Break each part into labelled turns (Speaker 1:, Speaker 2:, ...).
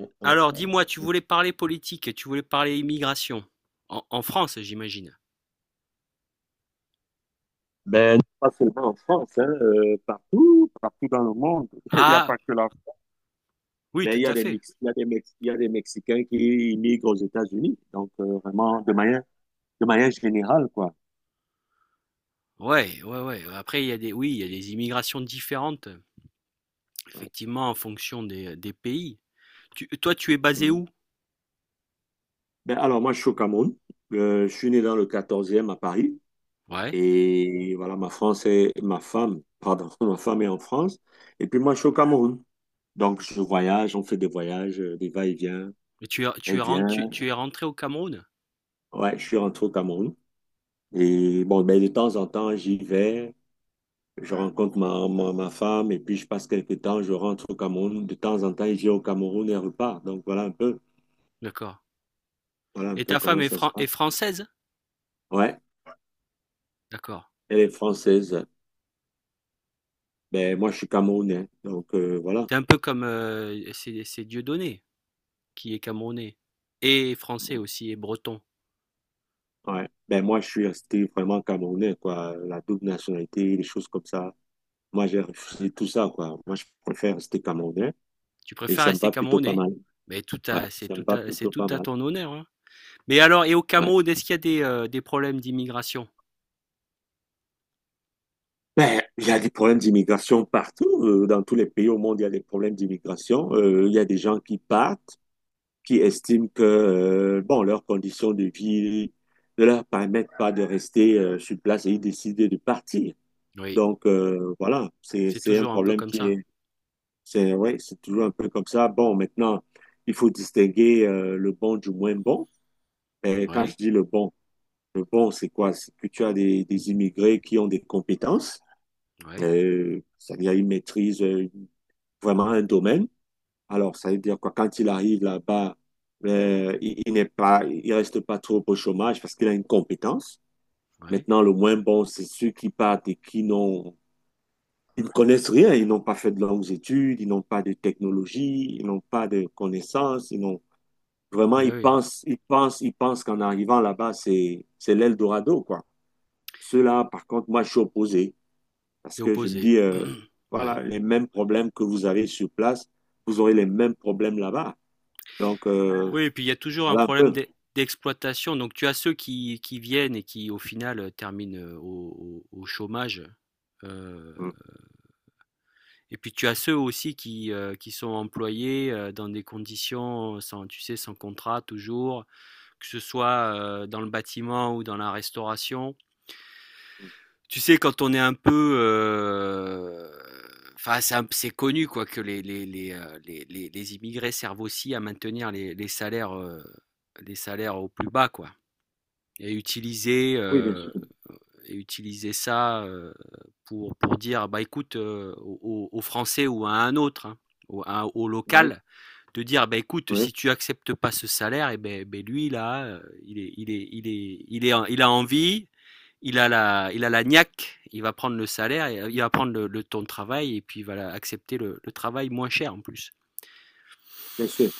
Speaker 1: Ouais.
Speaker 2: Alors dis-moi, tu voulais parler politique, tu voulais parler immigration. En France, j'imagine.
Speaker 1: Ben, pas seulement en France, hein, partout, partout dans le monde. Il n'y a
Speaker 2: Ah,
Speaker 1: pas que la France.
Speaker 2: oui,
Speaker 1: Mais il
Speaker 2: tout
Speaker 1: y a
Speaker 2: à
Speaker 1: des
Speaker 2: fait.
Speaker 1: Mex- il y a des Mex- il y a des Mexicains qui immigrent aux États-Unis. Donc, vraiment, de manière générale, quoi.
Speaker 2: Ouais, ouais, ouais. Après, il y a des, oui, il y a des immigrations différentes,
Speaker 1: Ouais.
Speaker 2: effectivement, en fonction des pays. Toi, tu es basé
Speaker 1: Mhm.
Speaker 2: où?
Speaker 1: Ben, alors, moi, je suis au Cameroun. Je suis né dans le 14e à Paris.
Speaker 2: Ouais.
Speaker 1: Et voilà, ma femme, pardon, ma femme est en France. Et puis, moi, je suis au Cameroun. Donc, je voyage, on fait des voyages, des va-et-vient.
Speaker 2: Et tu es, tu
Speaker 1: Elle
Speaker 2: es,
Speaker 1: vient.
Speaker 2: ren- tu, tu es rentré au Cameroun?
Speaker 1: Ouais, je suis rentré au Cameroun. Et bon, ben, de temps en temps, j'y vais, je rencontre ma femme et puis je passe quelques temps, je rentre au Cameroun. De temps en temps, j'ai au Cameroun et repars.
Speaker 2: D'accord.
Speaker 1: Voilà un
Speaker 2: Et
Speaker 1: peu
Speaker 2: ta femme
Speaker 1: comment
Speaker 2: est,
Speaker 1: ça se
Speaker 2: fran- est
Speaker 1: passe.
Speaker 2: française?
Speaker 1: Ouais,
Speaker 2: D'accord.
Speaker 1: elle est française. Ben, moi, je suis camerounais. Donc voilà.
Speaker 2: T'es un peu comme, c'est Dieudonné, qui est camerounais. Et français aussi, et breton.
Speaker 1: Ouais. Ben, moi, je suis resté vraiment camerounais, quoi. La double nationalité, les choses comme ça. Moi, j'ai refusé tout ça, quoi. Moi, je préfère rester camerounais
Speaker 2: Tu
Speaker 1: et
Speaker 2: préfères
Speaker 1: ça me
Speaker 2: rester
Speaker 1: va plutôt pas
Speaker 2: camerounais.
Speaker 1: mal.
Speaker 2: Mais tout
Speaker 1: Ouais,
Speaker 2: c'est
Speaker 1: ça me
Speaker 2: tout
Speaker 1: va
Speaker 2: c'est
Speaker 1: plutôt
Speaker 2: tout
Speaker 1: pas
Speaker 2: à
Speaker 1: mal.
Speaker 2: ton honneur, hein. Mais alors, et au
Speaker 1: Ouais.
Speaker 2: Cameroun, est-ce qu'il y a des problèmes d'immigration?
Speaker 1: Ben, il y a des problèmes d'immigration partout. Dans tous les pays au monde, il y a des problèmes d'immigration. Il y a des gens qui partent, qui estiment que bon, leurs conditions de vie ne leur permettent pas de rester sur place et ils décident de partir.
Speaker 2: Oui,
Speaker 1: Donc voilà,
Speaker 2: c'est
Speaker 1: c'est un
Speaker 2: toujours un peu
Speaker 1: problème
Speaker 2: comme
Speaker 1: qui
Speaker 2: ça.
Speaker 1: est c'est ouais, c'est toujours un peu comme ça. Bon, maintenant, il faut distinguer le bon du moins bon. Et quand je
Speaker 2: Oui,
Speaker 1: dis le bon, c'est quoi? C'est que tu as des immigrés qui ont des compétences
Speaker 2: oui,
Speaker 1: c'est-à-dire, il maîtrise vraiment un domaine. Alors, ça veut dire quoi, quand il arrive là-bas, il n'est pas, il reste pas trop au chômage parce qu'il a une compétence.
Speaker 2: oui,
Speaker 1: Maintenant, le moins bon, c'est ceux qui partent et qui n'ont, ils ne connaissent rien. Ils n'ont pas fait de longues études, ils n'ont pas de technologie, ils n'ont pas de connaissances, ils n'ont, vraiment,
Speaker 2: oui, oui.
Speaker 1: ils pensent qu'en arrivant là-bas, c'est l'Eldorado, quoi. Ceux-là, par contre, moi, je suis opposé.
Speaker 2: Et
Speaker 1: Parce que je me
Speaker 2: opposé.
Speaker 1: dis,
Speaker 2: Ouais.
Speaker 1: voilà, les mêmes problèmes que vous avez sur place, vous aurez les mêmes problèmes là-bas. Donc,
Speaker 2: Oui, et puis il y a toujours un
Speaker 1: voilà un
Speaker 2: problème
Speaker 1: peu.
Speaker 2: d'exploitation. Donc tu as ceux qui viennent et qui au final terminent au chômage. Euh,
Speaker 1: Mm.
Speaker 2: et puis tu as ceux aussi qui sont employés dans des conditions sans, tu sais, sans contrat toujours, que ce soit dans le bâtiment ou dans la restauration. Tu sais, quand on est un peu, enfin, c'est connu quoi, que les immigrés servent aussi à maintenir les salaires, les salaires au plus bas quoi, et utiliser
Speaker 1: Oui, bien
Speaker 2: euh,
Speaker 1: sûr.
Speaker 2: et utiliser ça pour dire bah écoute aux Français ou à un autre, hein, au
Speaker 1: Oui,
Speaker 2: local, de dire bah écoute si
Speaker 1: oui,
Speaker 2: tu acceptes pas ce salaire, et ben, lui là, il a envie, il a la niaque, il va prendre le salaire, il va prendre le ton de travail et puis il va accepter le travail moins cher en plus.
Speaker 1: bien sûr.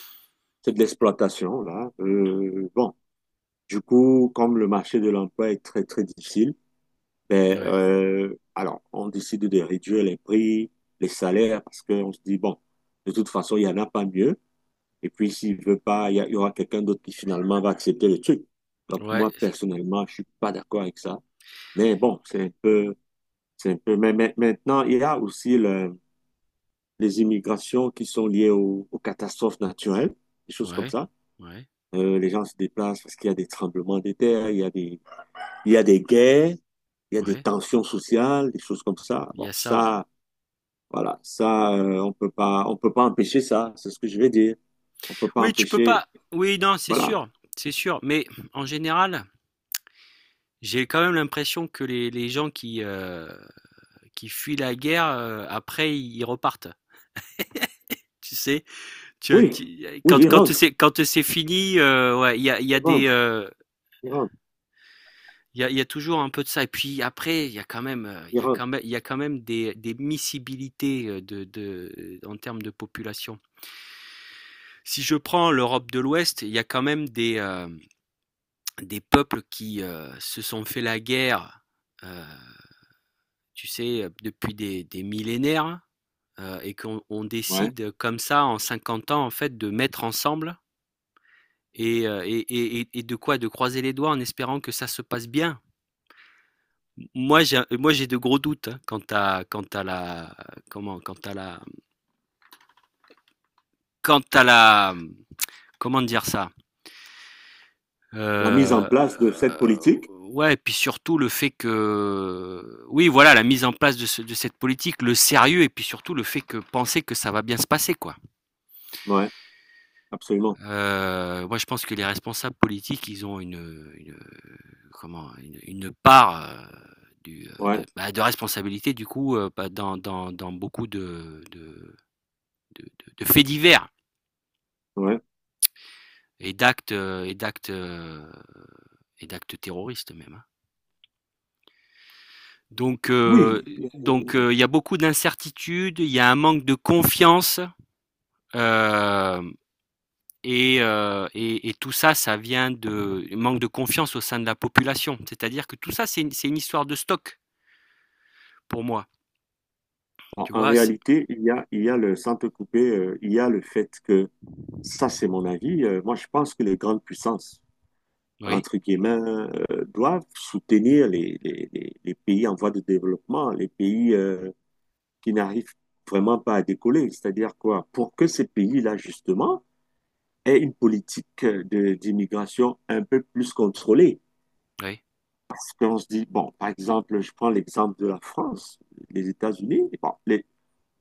Speaker 1: C'est de l'exploitation, là. Bon, du coup, comme le marché de l'emploi est très, très difficile, ben,
Speaker 2: Ouais,
Speaker 1: alors, on décide de réduire les prix, les salaires, parce qu'on se dit, bon, de toute façon, il n'y en a pas mieux. Et puis, s'il veut pas, il y aura quelqu'un d'autre qui finalement va accepter le truc. Donc,
Speaker 2: ouais,
Speaker 1: moi, personnellement, je suis pas d'accord avec ça. Mais bon, c'est un peu. Maintenant, il y a aussi le- les immigrations qui sont liées aux catastrophes naturelles, des choses comme
Speaker 2: ouais,
Speaker 1: ça.
Speaker 2: ouais,
Speaker 1: Les gens se déplacent parce qu'il y a des tremblements de terre, il y a des guerres, il y a des
Speaker 2: ouais.
Speaker 1: tensions sociales, des choses comme ça.
Speaker 2: Il y
Speaker 1: Bon,
Speaker 2: a ça, ouais.
Speaker 1: ça, voilà, ça, on peut pas empêcher ça. C'est ce que je vais dire. On peut pas
Speaker 2: Oui, tu peux
Speaker 1: empêcher.
Speaker 2: pas. Oui, non, c'est
Speaker 1: Voilà.
Speaker 2: sûr, c'est sûr. Mais en général, j'ai quand même l'impression que les gens qui fuient la guerre, après, ils repartent. Tu sais, tu, as-
Speaker 1: Oui,
Speaker 2: tu-
Speaker 1: oui,
Speaker 2: quand,
Speaker 1: il rentre,
Speaker 2: quand c'est fini, ouais,
Speaker 1: il rentre, il rentre,
Speaker 2: il y a toujours un peu de ça. Et puis après,
Speaker 1: il rentre.
Speaker 2: il y a quand même des miscibilités en termes de population. Si je prends l'Europe de l'Ouest, il y a quand même des peuples qui se sont fait la guerre, euh, tu sais, depuis des millénaires, et qu'on
Speaker 1: Ouais.
Speaker 2: décide comme ça en 50 ans, en fait, de mettre ensemble et, euh, et, et de quoi, de croiser les doigts en espérant que ça se passe bien. Moi, j'ai de gros doutes, hein, comment, quant à la, quant à la, comment dire ça. Heu,
Speaker 1: La mise en place de cette politique.
Speaker 2: ouais, et puis surtout le fait que oui, voilà, la mise en place de cette politique, le sérieux et puis surtout le fait que penser que ça va bien se passer, quoi.
Speaker 1: Ouais, absolument.
Speaker 2: Moi je pense que les responsables politiques, ils ont une, comment? Une part, de
Speaker 1: Ouais.
Speaker 2: bah, de responsabilité du coup, bah, dans beaucoup de de faits divers
Speaker 1: Ouais.
Speaker 2: et d'actes, heu, et d'actes, heu, et d'actes terroristes même, hein. Donc, euh,
Speaker 1: Oui,
Speaker 2: donc, il y a beaucoup d'incertitudes, il y a un manque de confiance, euh, et tout ça, ça vient de manque de confiance au sein de la population. C'est-à-dire que tout ça, c'est une histoire de stock pour moi.
Speaker 1: en
Speaker 2: Tu
Speaker 1: en
Speaker 2: vois.
Speaker 1: réalité, il y a le sans te couper, il y a le fait que, ça c'est mon avis, moi je pense que les grandes puissances,
Speaker 2: Oui,
Speaker 1: entre guillemets, doivent soutenir les pays en voie de développement, les pays qui n'arrivent vraiment pas à décoller. C'est-à-dire quoi? Pour que ces pays-là, justement, aient une politique d'immigration un peu plus contrôlée.
Speaker 2: oui,
Speaker 1: Parce qu'on se dit, bon, par exemple, je prends l'exemple de la France, les États-Unis, bon, les,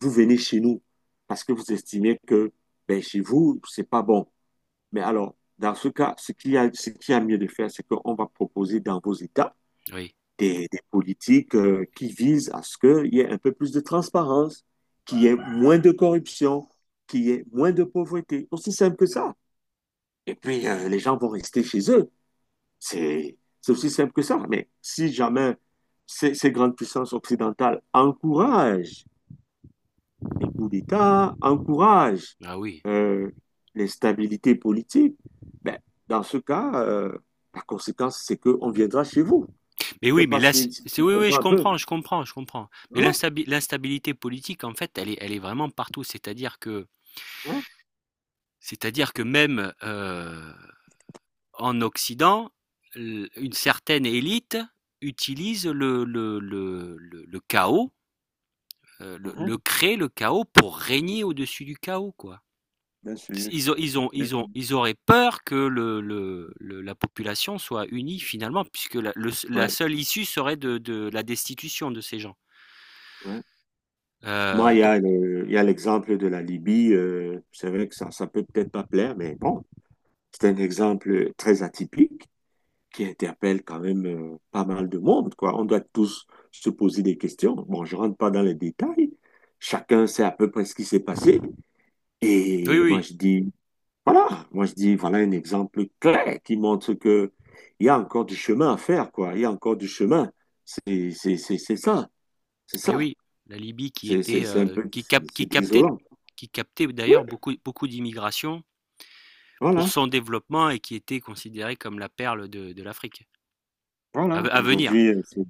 Speaker 1: vous venez chez nous parce que vous estimez que ben, chez vous, c'est pas bon. Mais alors, dans ce cas, ce qu'il y a mieux de faire, c'est qu'on va proposer dans vos États
Speaker 2: oui.
Speaker 1: des politiques qui visent à ce qu'il y ait un peu plus de transparence, qu'il y ait moins de corruption, qu'il y ait moins de pauvreté. Aussi simple que ça. Et puis, les gens vont rester chez eux. C'est aussi simple que ça. Mais si jamais ces grandes puissances occidentales encouragent les coups d'État encouragent
Speaker 2: Ah oui.
Speaker 1: euh, l'instabilité politique, ben, dans ce cas, la conséquence, c'est qu'on viendra chez vous.
Speaker 2: Mais
Speaker 1: Je ne
Speaker 2: oui,
Speaker 1: sais
Speaker 2: mais
Speaker 1: pas
Speaker 2: là,
Speaker 1: si, si tu
Speaker 2: oui, oui,
Speaker 1: comprends
Speaker 2: je
Speaker 1: un peu.
Speaker 2: comprends, je comprends, je comprends. Mais
Speaker 1: Voilà.
Speaker 2: l'instabilité politique, en fait, elle est vraiment partout. C'est-à-dire que,
Speaker 1: Hein.
Speaker 2: c'est-à-dire que même, en Occident, une certaine élite utilise le chaos,
Speaker 1: Mhm.
Speaker 2: le crée le chaos pour régner au-dessus du chaos, quoi.
Speaker 1: Bien sûr.
Speaker 2: Ils, ont, ils, ont,
Speaker 1: Bien
Speaker 2: ils, ont,
Speaker 1: sûr.
Speaker 2: ils auraient peur que la population soit unie finalement, puisque la
Speaker 1: Ouais,
Speaker 2: seule issue serait de la destitution de ces gens.
Speaker 1: ouais. Moi,
Speaker 2: Euh, donc-
Speaker 1: il y a l'exemple de la Libye. C'est vrai que ça peut peut-être pas plaire, mais bon, c'est un exemple très atypique. Qui interpelle quand même pas mal de monde, quoi. On doit tous se poser des questions. Bon, je rentre pas dans les détails. Chacun sait à peu près ce qui s'est passé.
Speaker 2: oui,
Speaker 1: Et moi,
Speaker 2: oui,
Speaker 1: je dis, voilà, moi, je dis, voilà un exemple clair qui montre que il y a encore du chemin à faire, quoi. Il y a encore du chemin. C'est ça. C'est
Speaker 2: et
Speaker 1: ça.
Speaker 2: oui, la Libye qui était,
Speaker 1: C'est un peu,
Speaker 2: qui
Speaker 1: c'est
Speaker 2: cap- qui
Speaker 1: c'est
Speaker 2: captait,
Speaker 1: désolant.
Speaker 2: qui captait
Speaker 1: Oui,
Speaker 2: d'ailleurs beaucoup, beaucoup d'immigration pour
Speaker 1: voilà.
Speaker 2: son développement et qui était considérée comme la perle de l'Afrique à,
Speaker 1: Voilà,
Speaker 2: à venir.
Speaker 1: aujourd'hui,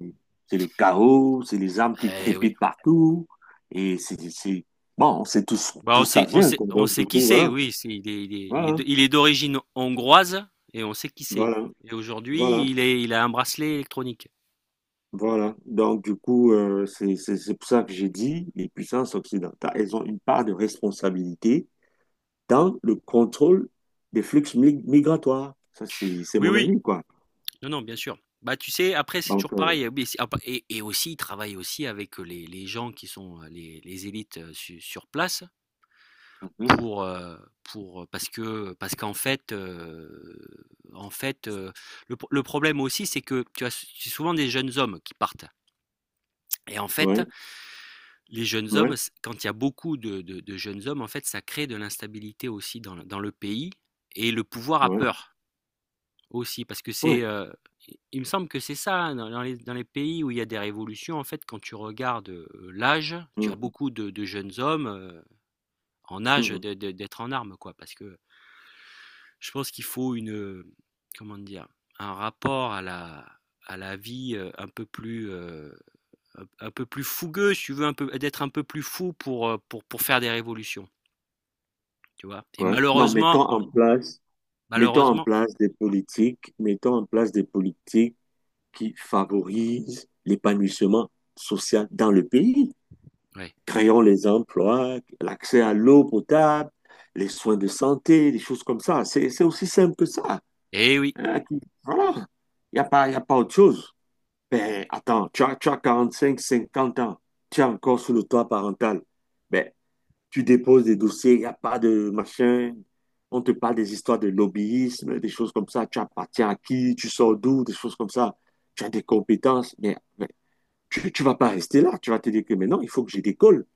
Speaker 1: c'est le chaos, c'est les armes qui
Speaker 2: Eh oui.
Speaker 1: crépitent partout, et bon, on sait tous
Speaker 2: Bah,
Speaker 1: d'où ça vient, quoi.
Speaker 2: on
Speaker 1: Donc,
Speaker 2: sait
Speaker 1: du
Speaker 2: qui
Speaker 1: coup,
Speaker 2: c'est,
Speaker 1: voilà,
Speaker 2: oui. Il est, il est- il est
Speaker 1: voilà,
Speaker 2: de- il est d'origine hongroise et on sait qui c'est.
Speaker 1: voilà,
Speaker 2: Et
Speaker 1: voilà,
Speaker 2: aujourd'hui, il a un bracelet électronique.
Speaker 1: voilà. Donc, du coup, c'est pour ça que j'ai dit, les puissances occidentales, elles ont une part de responsabilité dans le contrôle des migratoires. Ça, c'est
Speaker 2: Oui,
Speaker 1: mon
Speaker 2: oui.
Speaker 1: avis, quoi.
Speaker 2: Non, non, bien sûr. Bah, tu sais, après, c'est
Speaker 1: Donc,
Speaker 2: toujours pareil. Et aussi, il travaille aussi avec les gens qui sont les élites sur place.
Speaker 1: mhm,
Speaker 2: Pour, heu, parce qu'en fait, en fait, heu, le problème aussi, c'est que tu as c'est souvent des jeunes hommes qui partent et en fait,
Speaker 1: ouais,
Speaker 2: les jeunes hommes,
Speaker 1: ouais,
Speaker 2: s quand il y a beaucoup de jeunes hommes, en fait, ça crée de l'instabilité aussi dans le pays et le pouvoir a
Speaker 1: ouais,
Speaker 2: peur aussi parce que
Speaker 1: ouais.
Speaker 2: il me semble que c'est ça, hein, dans les pays où il y a des révolutions, en fait, quand tu regardes, l'âge, tu as
Speaker 1: Mhm,
Speaker 2: beaucoup de jeunes hommes, en âge
Speaker 1: mhm,
Speaker 2: de d'être en armes, quoi, parce que je pense qu'il faut euh, comment dire? Un rapport à la vie, un peu plus fougueux, si tu veux, un peu d'être un peu plus fou pour faire des révolutions, tu vois? Et
Speaker 1: ouais. Non,
Speaker 2: malheureusement
Speaker 1: mettons en place. Mettons en
Speaker 2: malheureusement
Speaker 1: place des politiques, mettons en place des politiques qui favorisent l'épanouissement social dans le pays.
Speaker 2: ouais.
Speaker 1: Créons les emplois, l'accès à l'eau potable, les soins de santé, des choses comme ça. C'est aussi simple que ça.
Speaker 2: Eh oui,
Speaker 1: Hein, qui- Voilà. Il n'y a pas, Y a pas autre chose. Ben, attends, tu as 45, 50 ans. Tu es encore sous le toit parental. Ben, tu déposes des dossiers, il n'y a pas de machin. On te parle des histoires de lobbyisme, des choses comme ça. Tu appartiens à qui, tu sors d'où, des choses comme ça. Tu as des compétences, mais tu ne vas pas rester là. Tu vas te dire que maintenant, il faut que je décolle.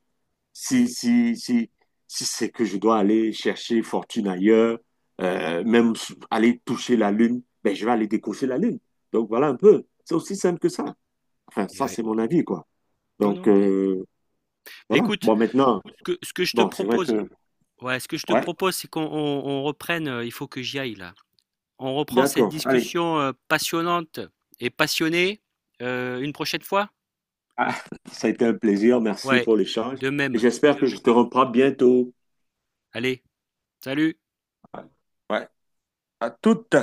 Speaker 2: eh
Speaker 1: Si,
Speaker 2: oui,
Speaker 1: si, si, Si c'est que je dois aller chercher fortune ailleurs, même aller toucher la lune, ben, je vais aller décocher la lune. Donc voilà un peu. C'est aussi simple que ça. Enfin,
Speaker 2: eh
Speaker 1: ça,
Speaker 2: oui.
Speaker 1: c'est mon avis, quoi.
Speaker 2: Non, non,
Speaker 1: Donc
Speaker 2: mais
Speaker 1: voilà.
Speaker 2: écoute,
Speaker 1: Bon, maintenant,
Speaker 2: ce que je te
Speaker 1: bon, c'est vrai
Speaker 2: propose,
Speaker 1: que,
Speaker 2: ouais, ce que je te
Speaker 1: ouais.
Speaker 2: propose, c'est qu'on reprenne, il faut que j'y aille là. On reprend cette
Speaker 1: D'accord. Allez,
Speaker 2: discussion, passionnante et passionnée, une prochaine fois?
Speaker 1: ah, ça a été un plaisir. Merci
Speaker 2: Ouais,
Speaker 1: pour l'échange.
Speaker 2: de
Speaker 1: Et
Speaker 2: même.
Speaker 1: j'espère que je te reprends bientôt.
Speaker 2: Allez, salut.
Speaker 1: Ouais, à toutes.